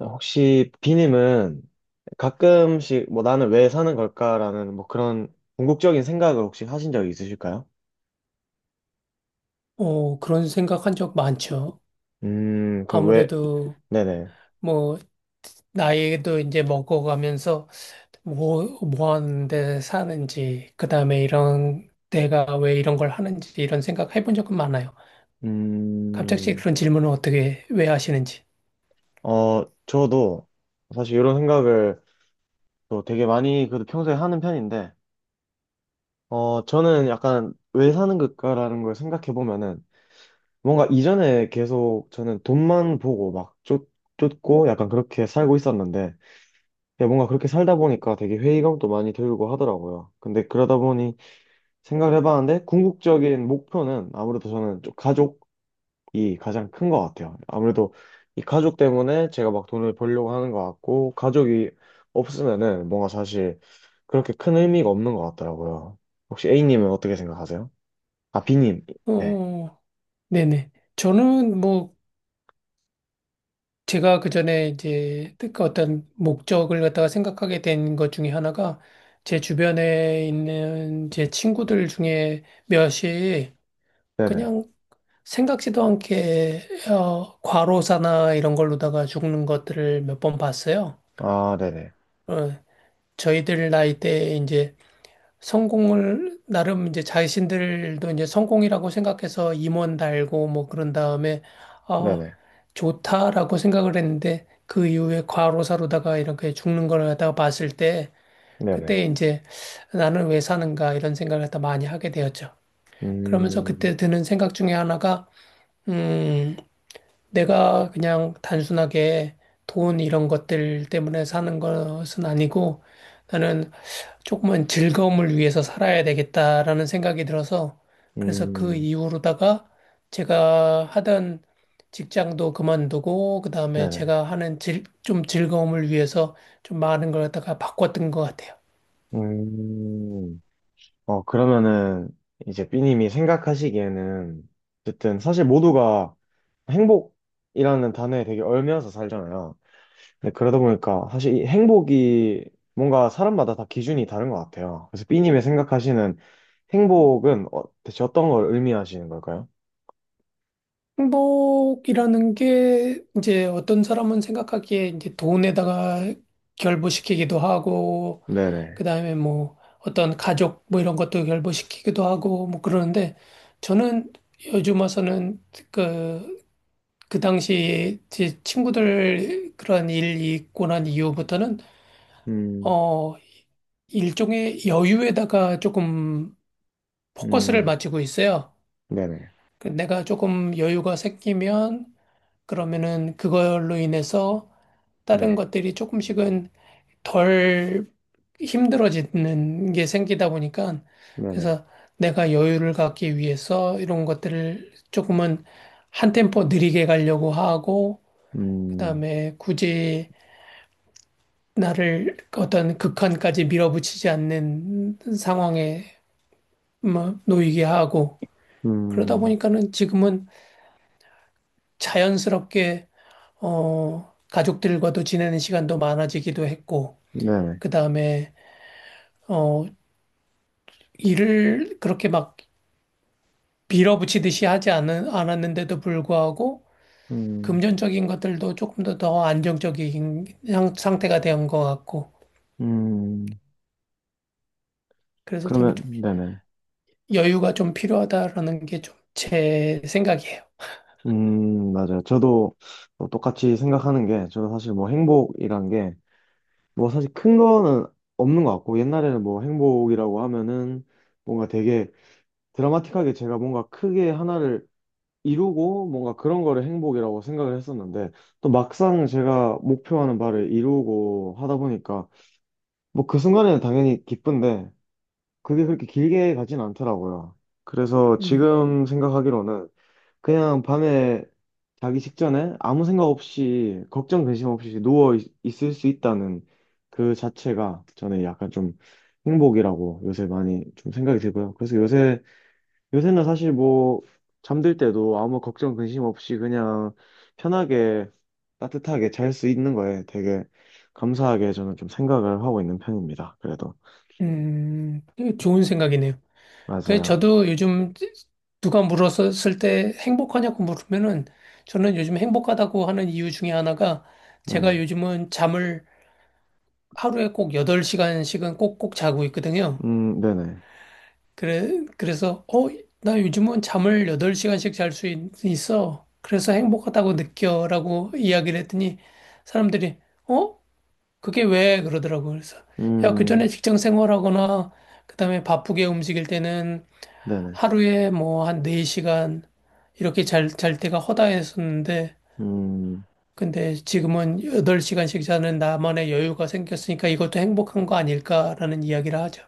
혹시 비님은 가끔씩 뭐 나는 왜 사는 걸까라는 뭐 그런 궁극적인 생각을 혹시 하신 적이 있으실까요? 어, 그런 생각한 적 많죠. 그럼 왜, 아무래도 네네. 뭐 나이도 이제 먹어가면서 뭐 하는데 사는지, 그 다음에 이런, 내가 왜 이런 걸 하는지 이런 생각 해본 적은 많아요. 갑자기 음, 그런 질문을 어떻게, 왜 하시는지. 어, 저도 사실 이런 생각을 또 되게 많이 그래도 평소에 하는 편인데, 어, 저는 약간 왜 사는 걸까라는 걸 생각해 보면은 뭔가 이전에 계속 저는 돈만 보고 막 쫓고 약간 그렇게 살고 있었는데, 야, 뭔가 그렇게 살다 보니까 되게 회의감도 많이 들고 하더라고요. 근데 그러다 보니 생각을 해봤는데 궁극적인 목표는 아무래도 저는 좀 가족이 가장 큰 것 같아요. 아무래도 이 가족 때문에 제가 막 돈을 벌려고 하는 것 같고 가족이 없으면은 뭔가 사실 그렇게 큰 의미가 없는 것 같더라고요. 혹시 A님은 어떻게 생각하세요? 아, B님. 네. 어, 네네. 저는 뭐, 제가 그 전에 이제 그 어떤 목적을 갖다가 생각하게 된 것 중에 하나가 제 주변에 있는 제 친구들 중에 몇이 네네. 그냥 생각지도 않게 과로사나 이런 걸로다가 죽는 것들을 몇 번 봤어요. 아, 네네. 어, 저희들 나이 때 이제 성공을 나름 이제 자신들도 이제 성공이라고 생각해서 임원 달고 뭐 그런 다음에 어, 네네. 좋다라고 생각을 했는데 그 이후에 과로사로다가 이렇게 죽는 걸 갖다가 봤을 때 네네. 그때 이제 나는 왜 사는가 이런 생각을 갖다 많이 하게 되었죠. 그러면서 음, 그때 드는 생각 중에 하나가 음. 내가 그냥 단순하게 돈 이런 것들 때문에 사는 것은 아니고 나는 조금은 즐거움을 위해서 살아야 되겠다라는 생각이 들어서 그래서 그 음, 이후로다가 제가 하던 직장도 그만두고 그다음에 네네. 제가 하는 좀 즐거움을 위해서 좀 많은 걸 갖다가 바꿨던 것 같아요. 음. 어, 그러면은 이제 B님이 생각하시기에는 어쨌든 사실 모두가 행복이라는 단어에 되게 얽매여서 살잖아요. 근데 그러다 보니까 사실 이 행복이 뭔가 사람마다 다 기준이 다른 것 같아요. 그래서 B님이 생각하시는 행복은 어, 대체 어떤 걸 의미하시는 걸까요? 행복이라는 게 이제 어떤 사람은 생각하기에 이제 돈에다가 결부시키기도 하고, 네네. 그다음에 뭐 어떤 가족 뭐 이런 것도 결부시키기도 하고 뭐 그러는데 저는 요즘 와서는 그, 그 당시 제 친구들 그런 일이 있고 난 이후부터는 음, 어, 일종의 여유에다가 조금 포커스를 음, 맞추고 있어요. 네네. 그 내가 조금 여유가 생기면 그러면은 그걸로 인해서 다른 네, 것들이 조금씩은 덜 힘들어지는 게 생기다 보니까 네네. 그래서 내가 여유를 갖기 위해서 이런 것들을 조금은 한 템포 느리게 가려고 하고 음, 그다음에 굳이 나를 어떤 극한까지 밀어붙이지 않는 상황에 뭐 놓이게 하고 그러다 음, 보니까는 지금은 자연스럽게 가족들과도 지내는 시간도 많아지기도 했고 네네. 그다음에 어 일을 그렇게 막 밀어붙이듯이 하지 않 않았는데도 불구하고 음, 금전적인 것들도 조금 더 안정적인 상태가 된 것 같고 음, 그래서 저는 그러면, 좀 네네. 여유가 좀 필요하다라는 게 좀 제 생각이에요. 맞아요. 저도 뭐 똑같이 생각하는 게, 저는 사실 뭐 행복이란 게, 뭐 사실 큰 거는 없는 것 같고, 옛날에는 뭐 행복이라고 하면은 뭔가 되게 드라마틱하게 제가 뭔가 크게 하나를 이루고 뭔가 그런 거를 행복이라고 생각을 했었는데, 또 막상 제가 목표하는 바를 이루고 하다 보니까, 뭐 그 순간에는 당연히 기쁜데, 그게 그렇게 길게 가진 않더라고요. 그래서 음, 지금 생각하기로는 그냥 밤에 자기 직전에 아무 생각 없이 걱정 근심 없이 을수 있다는 그 자체가 저는 약간 좀 행복이라고 요새 많이 좀 생각이 들고요. 그래서 요새는 사실 뭐 잠들 때도 아무 걱정 근심 없이 그냥 편하게 따뜻하게 잘 수 있는 거에 되게 감사하게 저는 좀 생각을 하고 있는 편입니다. 그래도 음, 좋은 생각이네요. 그래서 맞아요. 저도 요즘 누가 물었을 때 행복하냐고 물으면은 저는 요즘 행복하다고 하는 이유 중에 하나가 제가 네네. 요즘은 잠을 하루에 꼭 8시간씩은 꼭꼭 자고 있거든요. 네네. 그래, 그래서, 나 요즘은 잠을 8시간씩 잘 수 있어. 그래서 행복하다고 느껴. 라고 이야기를 했더니 사람들이, 어? 그게 왜? 그러더라고요. 그래서, 야, 그전에 음, 직장 생활하거나, 그다음에 바쁘게 움직일 때는 네네. 하루에 뭐 한 4시간 이렇게 잘 때가 허다했었는데, 음. 근데 지금은 8시간씩 자는 나만의 여유가 생겼으니까 이것도 행복한 거 아닐까라는 이야기를 하죠.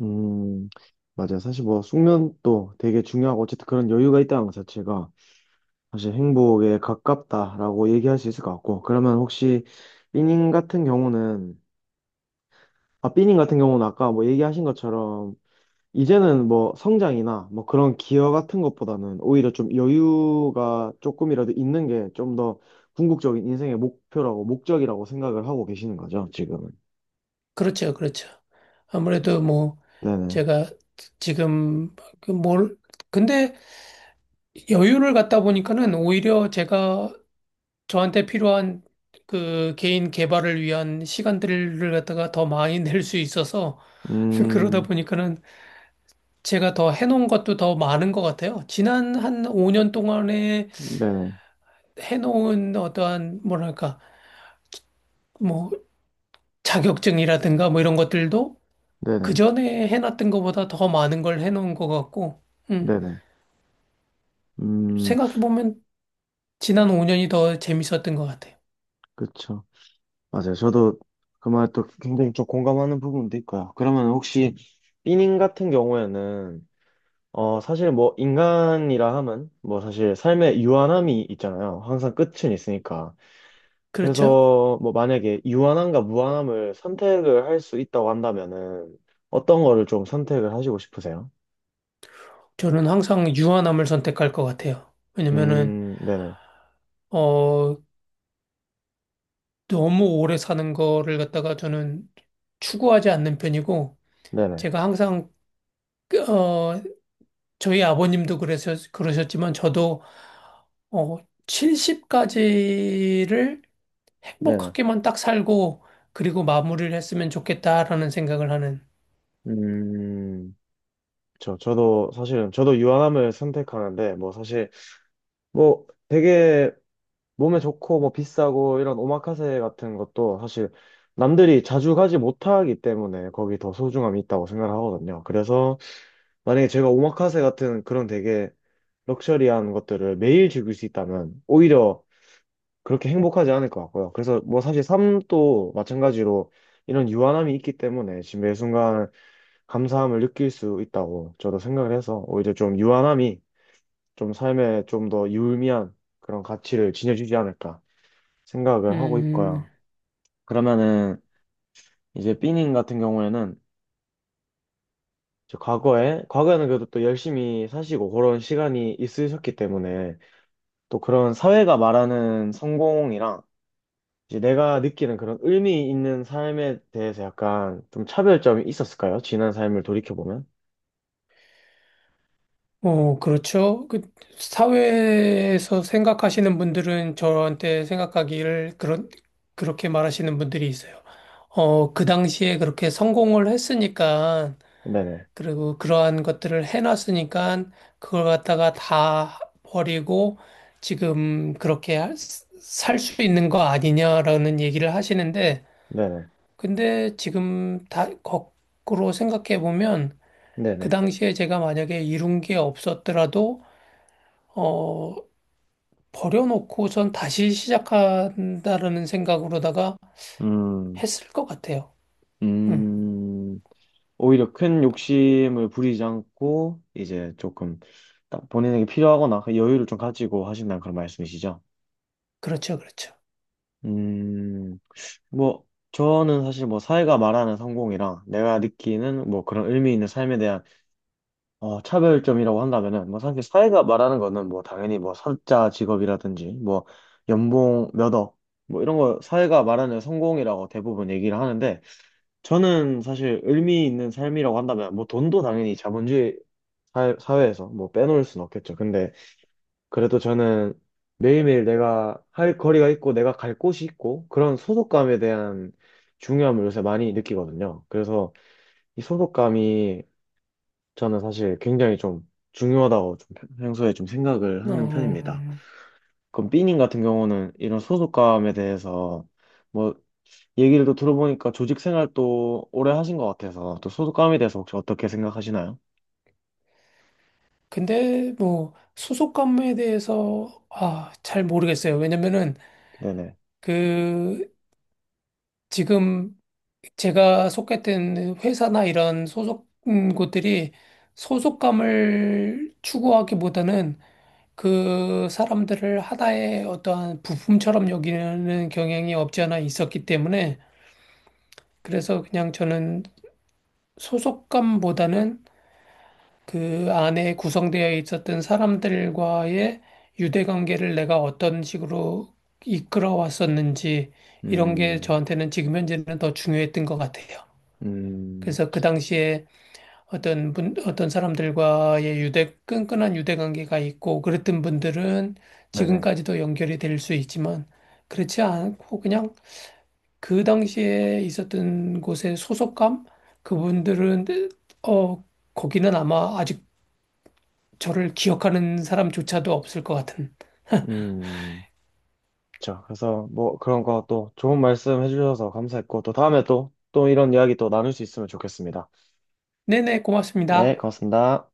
음, 맞아. 사실 뭐 숙면도 되게 중요하고 어쨌든 그런 여유가 있다는 것 자체가 사실 행복에 가깝다라고 얘기할 수 있을 것 같고. 그러면 혹시 삐님 같은 경우는 삐님 같은 경우는 아까 뭐 얘기하신 것처럼 이제는 뭐 성장이나 뭐 그런 기여 같은 것보다는 오히려 좀 여유가 조금이라도 있는 게 좀 더 궁극적인 인생의 목표라고 목적이라고 생각을 하고 계시는 거죠, 지금은. 그렇죠, 그렇죠. 아무래도 뭐 네네. 제가 지금 그 뭘 근데 여유를 갖다 보니까는 오히려 제가 저한테 필요한 그 개인 개발을 위한 시간들을 갖다가 더 많이 낼 수 있어서 그러다 음, 보니까는 제가 더 해놓은 것도 더 많은 것 같아요. 지난 한 5년 동안에 네네. 해놓은 어떠한 뭐랄까 뭐 자격증이라든가 뭐 이런 것들도 그 네네. 전에 해놨던 것보다 더 많은 걸 해놓은 것 같고, 음, 네네. 음. 생각해보면 지난 5년이 더 재밌었던 것 같아요. 그쵸. 맞아요. 저도 그 말 또 굉장히 좀 공감하는 부분도 있고요. 그러면 혹시 삐닝 같은 경우에는 어 사실 뭐 인간이라 하면 뭐 사실 삶의 유한함이 있잖아요. 항상 끝은 있으니까. 그렇죠? 그래서 뭐 만약에 유한함과 무한함을 선택을 할 수 있다고 한다면은 어떤 거를 좀 선택을 하시고 싶으세요? 저는 항상 유한함을 선택할 것 같아요. 왜냐면은, 네네. 어, 너무 오래 사는 거를 갖다가 저는 추구하지 않는 편이고, 네네. 제가 항상, 어, 저희 아버님도 그래서, 그러셨지만, 저도, 어, 70까지를 네네. 행복하게만 딱 살고, 그리고 마무리를 했으면 좋겠다라는 생각을 하는, 음, 저도 사실은 저도 유한함을 선택하는데 뭐 사실 뭐 되게 몸에 좋고 뭐 비싸고 이런 오마카세 같은 것도 사실 남들이 자주 가지 못하기 때문에 거기 더 소중함이 있다고 생각을 하거든요. 그래서 만약에 제가 오마카세 같은 그런 되게 럭셔리한 것들을 매일 즐길 수 있다면 오히려 그렇게 행복하지 않을 것 같고요. 그래서 뭐 사실 삶도 마찬가지로 이런 유한함이 있기 때문에 지금 매 순간 감사함을 느낄 수 있다고 저도 생각을 해서 오히려 좀 유한함이 좀 삶에 좀 더 유의미한 그런 가치를 지녀주지 않을까. 생각을 하고 음, 있고요. 그러면은 이제 삐님 같은 경우에는 이제 과거에는 그래도 또 열심히 사시고 그런 시간이 있으셨기 때문에 또 그런 사회가 말하는 성공이랑 이제 내가 느끼는 그런 의미 있는 삶에 대해서 약간 좀 차별점이 있었을까요? 지난 삶을 돌이켜 보면? 어, 그렇죠. 그 사회에서 생각하시는 분들은 저한테 생각하기를 그런 그렇게 말하시는 분들이 있어요. 그 당시에 그렇게 성공을 했으니까 네네. 그리고 그러한 것들을 해놨으니까 그걸 갖다가 다 버리고 지금 그렇게 살 수 있는 거 아니냐라는 얘기를 하시는데 네네. 근데 지금 다 거꾸로 생각해 보면 그 네네. 당시에 제가 만약에 이룬 게 없었더라도 어, 버려놓고 전 다시 시작한다라는 생각으로다가 음. 했을 것 같아요. 음, 음. 오히려 큰 욕심을 부리지 않고 이제 조금 딱 본인에게 필요하거나 그 여유를 좀 가지고 하신다는 그런 말씀이시죠? 그렇죠, 그렇죠. 음, 뭐 저는 사실 뭐 사회가 말하는 성공이랑 내가 느끼는 뭐 그런 의미 있는 삶에 대한 어, 차별점이라고 한다면은 뭐 사실 사회가 말하는 거는 뭐 당연히 뭐 사자 직업이라든지 뭐 연봉 몇억 뭐 이런 거 사회가 말하는 성공이라고 대부분 얘기를 하는데 저는 사실 의미 있는 삶이라고 한다면 뭐 돈도 당연히 자본주의 사회에서 뭐 빼놓을 순 없겠죠. 근데 그래도 저는 매일매일 내가 할 거리가 있고 내가 갈 곳이 있고 그런 소속감에 대한 중요함을 요새 많이 느끼거든요. 그래서 이 소속감이 저는 사실 굉장히 좀 중요하다고 좀 평소에 좀 생각을 어, 어, 하는 편입니다. 어. 그럼 삐님 같은 경우는 이런 소속감에 대해서 뭐 얘기를 또 들어보니까 조직 생활 또 오래 하신 것 같아서 또 소속감에 대해서 혹시 어떻게 생각하시나요? 근데 뭐 소속 관계에 대해서 아, 잘 모르겠어요. 왜냐면은 네네. 그 지금 제가 속했던 회사나 이런 소속 곳들이 소속감을 추구하기보다는 그 사람들을 하나의 어떠한 부품처럼 여기는 경향이 없지 않아 있었기 때문에 그래서 그냥 저는 소속감보다는 그 안에 구성되어 있었던 사람들과의 유대관계를 내가 어떤 식으로 이끌어왔었는지 이런 게 음, 저한테는 지금 현재는 더 중요했던 것 같아요. 음, 그래서 그 당시에 어떤 사람들과의 유대, 끈끈한 유대관계가 있고 그랬던 분들은 네네. 지금까지도 연결이 될 수 있지만 그렇지 않고 그냥 그 당시에 있었던 곳의 소속감 그분들은 어 거기는 아마 아직 저를 기억하는 사람조차도 없을 것 같은. 음, 자, 그래서 뭐 그런 거 또 좋은 말씀 해주셔서 감사했고 또 다음에 또 이런 이야기 또 나눌 수 있으면 좋겠습니다. 네네, 네, 고맙습니다. 고맙습니다.